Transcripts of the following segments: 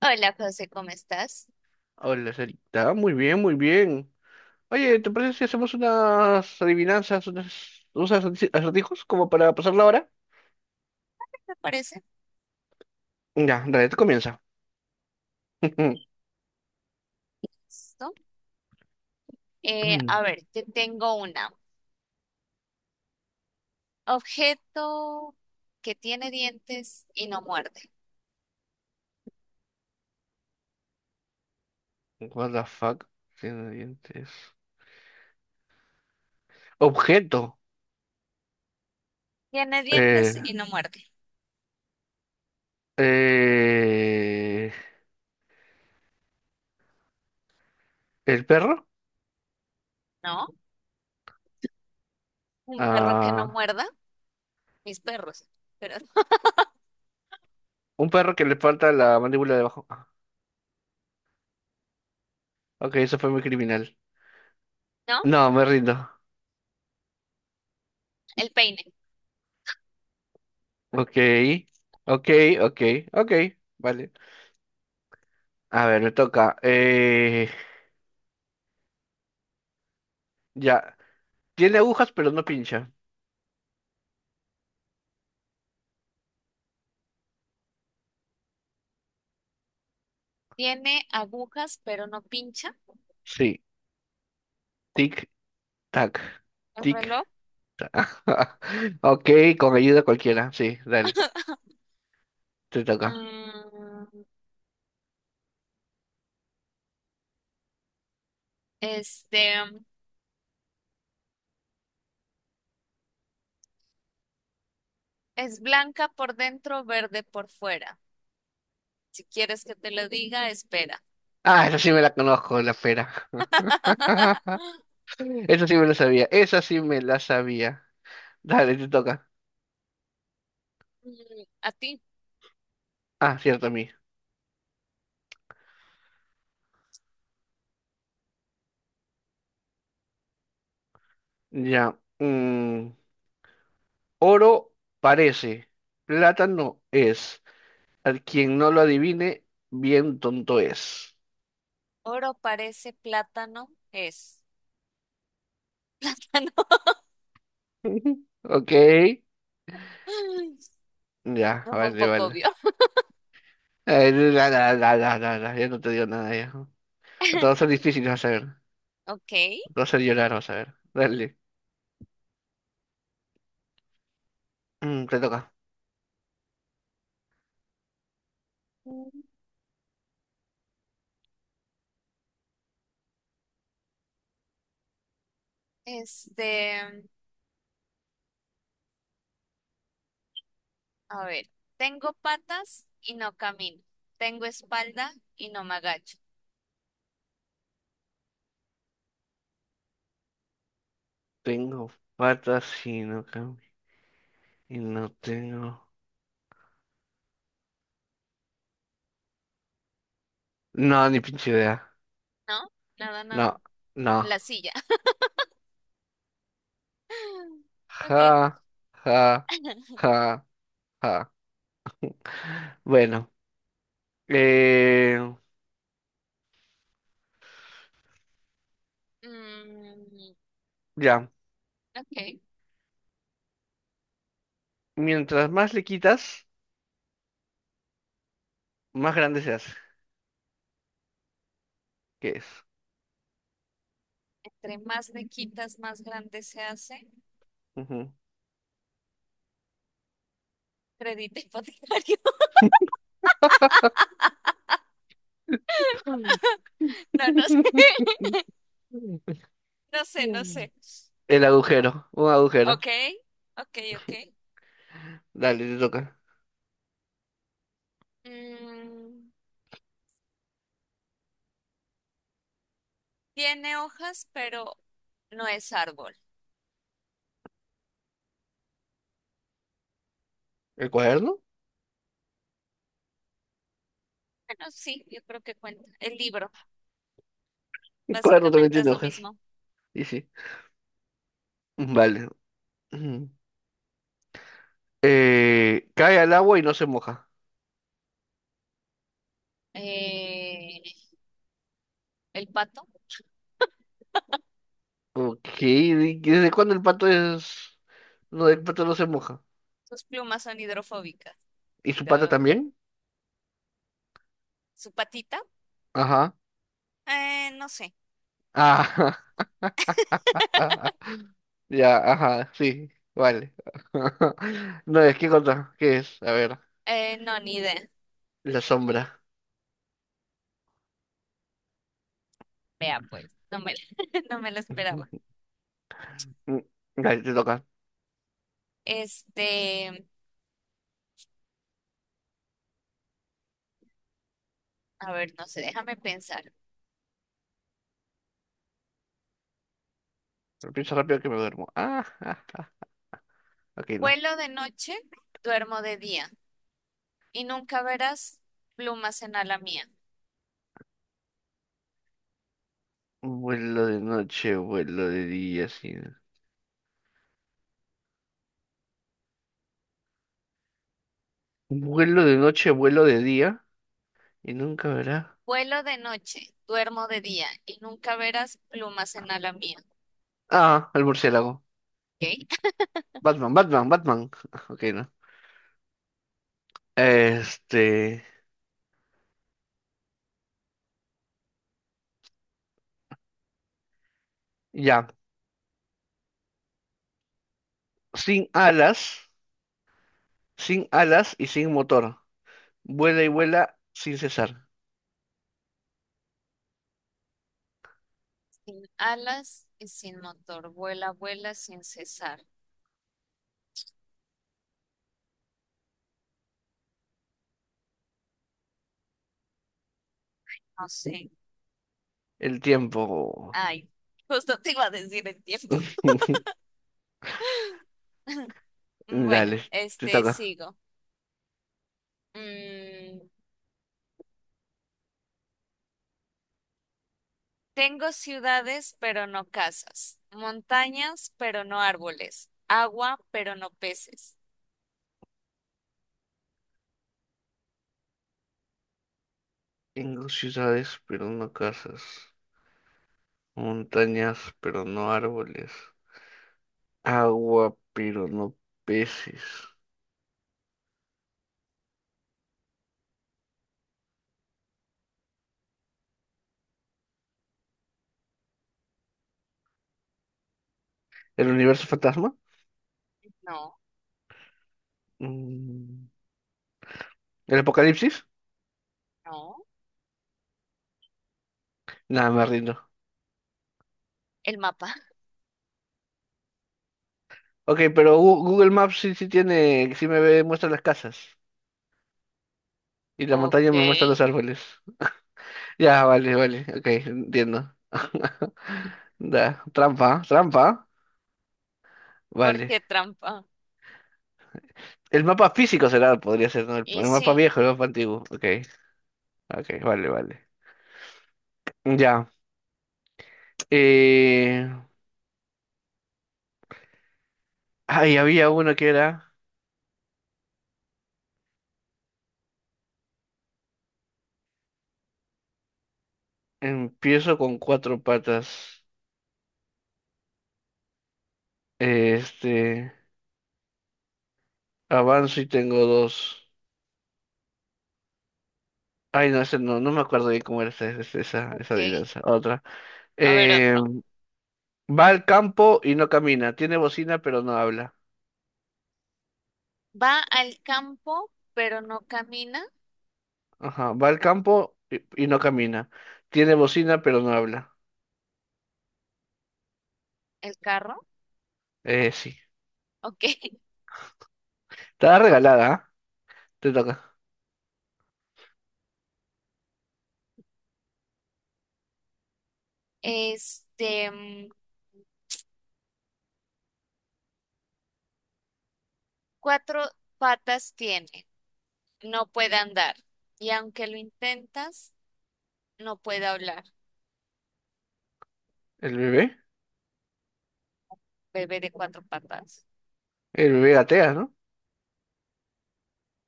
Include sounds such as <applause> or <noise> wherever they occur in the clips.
Hola, José, ¿cómo estás? Hola, Sarita. Muy bien, muy bien. Oye, ¿te parece si hacemos unas adivinanzas, acertijos como para pasar la hora? ¿Te parece? Ya, dale, tú comienza. <laughs> ¿Listo? A ver, te tengo una. Objeto que tiene dientes y no muerde. What the fuck? Tiene dientes. Objeto. Tiene Eh, dientes y no muerde, eh, ¿El perro? ¿no? Un perro que no Ah, muerda, mis perros, pero <laughs> un perro que le falta la mandíbula de abajo. Ah, ok, eso fue muy criminal. no. No, me rindo. El peine. Ok, ok, ok, ok. Vale. A ver, me toca. Ya. Tiene agujas, pero no pincha. Tiene agujas, pero no pincha. Sí. Tic, tac. El Tic, reloj. tac. <laughs> Ok, con ayuda cualquiera. Sí, dale. <laughs> Te toca. Mm, este, es blanca por dentro, verde por fuera. Si quieres que te lo diga, espera. Ah, esa sí me la conozco, la pera. <laughs> <laughs> Esa sí me la sabía. Esa sí me la sabía. Dale, te toca. Mm, a ti, Ah, cierto, a mí. Ya. Oro parece. Plátano es. Al quien no lo adivine, bien tonto es. oro parece plátano, es <laughs> plátano. <laughs> Ok. Ya, No fue un vale, poco vale. obvio. Ya no te digo nada ya. Todos va a ser <laughs> difícil, vas a ver. Ok. Te va a hacer llorar, vas a ver. Dale. Te toca. Mm. Este, a ver, tengo patas y no camino. Tengo espalda y no me agacho. Tengo patas y no camino. Y no tengo. No, ni pinche idea. ¿No? Nada, nada. No, no. La silla. <laughs> Ok. Ja, ja, <laughs> ja, ja. Bueno, eh, Mm, ya. ok. Mientras más le quitas, más grande se hace. ¿Qué es? Entre más le quitas, más grande se hace. Ujú. Crédito hipotecario. <laughs> No, no sé. <laughs> <laughs> No sé, no sé. El agujero, un agujero. Ok, ok, ok. Dale, te toca. Mm, tiene hojas, pero no es árbol. ¿El cuaderno? Bueno, sí, yo creo que cuenta. El libro, El cuaderno también básicamente es tiene lo hojas. mismo. Y sí. Vale. Ujú. Cae al agua y no se moja. Eh, el pato, Ok. ¿Y ¿desde cuándo el pato es...? No, el pato no se moja. sus plumas son hidrofóbicas. ¿Y su pata Duh. también? ¿Su patita? Ajá. No sé. Ah, <laughs> ya, ajá, sí. Vale. <laughs> No, es que contra. ¿Qué es? A ver. No, ni idea. La sombra. Vea, pues, no me, <laughs> no me lo esperaba. Ujú. Mm, Dale, te toca. Este, a ver, no sé, déjame pensar. Pero piensa rápido que me duermo. Ah, ah. Ok, no. Vuelo de noche, duermo de día y nunca verás plumas en ala mía. Vuelo de noche, vuelo de día, sí. Vuelo de noche, vuelo de día. Y nunca verá. Vuelo de noche, duermo de día y nunca verás plumas en ala mía. Ah, el murciélago. ¿Ok? Batman, Batman, Batman. <laughs> Ok, no. Este. Ya. Sin alas. Sin alas y sin motor. Vuela y vuela sin cesar. Sin alas y sin motor, vuela, vuela sin cesar. No sé. El tiempo. Ay, justo te iba a decir el tiempo. <laughs> <laughs> Bueno, Dale, te este, toca. sigo. Mm, tengo ciudades, pero no casas. Montañas, pero no árboles. Agua, pero no peces. Tengo ciudades, pero no casas. Montañas, pero no árboles. Agua, pero no peces. ¿El universo fantasma? No, Mm, ¿El apocalipsis? no. Nada, me rindo. El mapa. Ok, pero Google Maps sí, sí tiene, muestra las casas. Y la Ok. montaña me muestra los árboles. Ya, vale, vale. Ok, entiendo. <laughs> Da, trampa, trampa. ¿Por Vale. qué trampa? El mapa físico será, podría ser, ¿no? El, Y el mapa sí. viejo, el mapa antiguo. Ok, ok, vale, vale. Ya. Eh... Ay, había uno que era. Empiezo con cuatro patas. Este. Avanzo y tengo dos. Ay, no, ese no, no me acuerdo bien cómo era esa Ok. adivinanza. Otra. A ver Eh, otro. Va al campo y no camina. Tiene bocina, pero no habla. Va al campo, pero no camina Ajá. Va al campo y no camina. Tiene bocina, pero no habla. el carro. Sí. Ok. <laughs> Está regalada, ¿ah? Te toca. Este, mm, cuatro patas tiene, no puede andar. Y aunque lo intentas, no puede hablar. ¿El bebé? Bebé de cuatro patas. El bebé gatea, ¿no?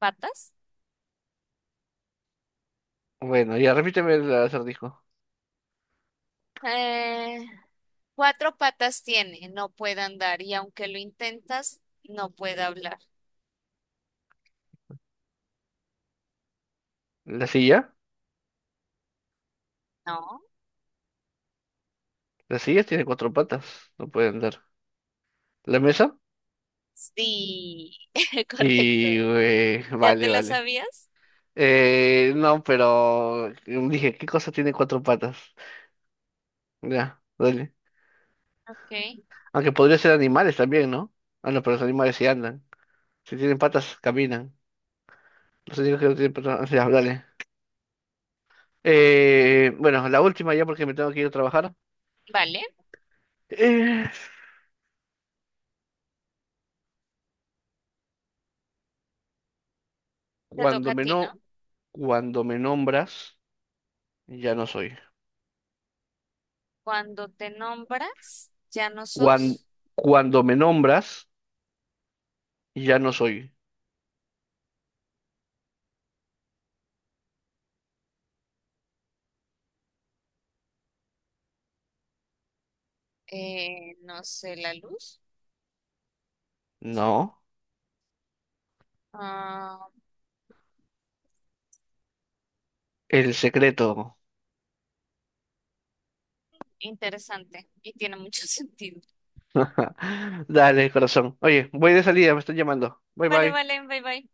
¿Patas? Bueno, ya repíteme el acertijo. Eh, cuatro patas tiene, no puede andar. Y aunque lo intentas, no puede hablar. La silla. ¿No? La silla tiene cuatro patas. No puede andar. La mesa. Sí, <laughs> correcto. Y... ¿Ya te vale, la vale. sabías? No, pero... Dije, ¿qué cosa tiene cuatro patas? Ya, dale. Ok. Aunque podría ser animales también, ¿no? Ah, no, pero los animales sí andan. Si tienen patas, caminan. Los únicos que no tienen patas, ya, dale. Bueno, la última ya porque me tengo que ir a trabajar. Vale, Eh, te toca cuando a me ti, ¿no? no, Cuando me nombras, ya no soy. Cuando te nombras, ya no Cuan- sos, cuando me nombras, ya no soy. No sé, la luz. No, Ah, el secreto. interesante y tiene mucho <laughs> sentido. <laughs> Dale, corazón. Oye, voy de salida, me están llamando. Bye Vale, bye. vale, bye bye.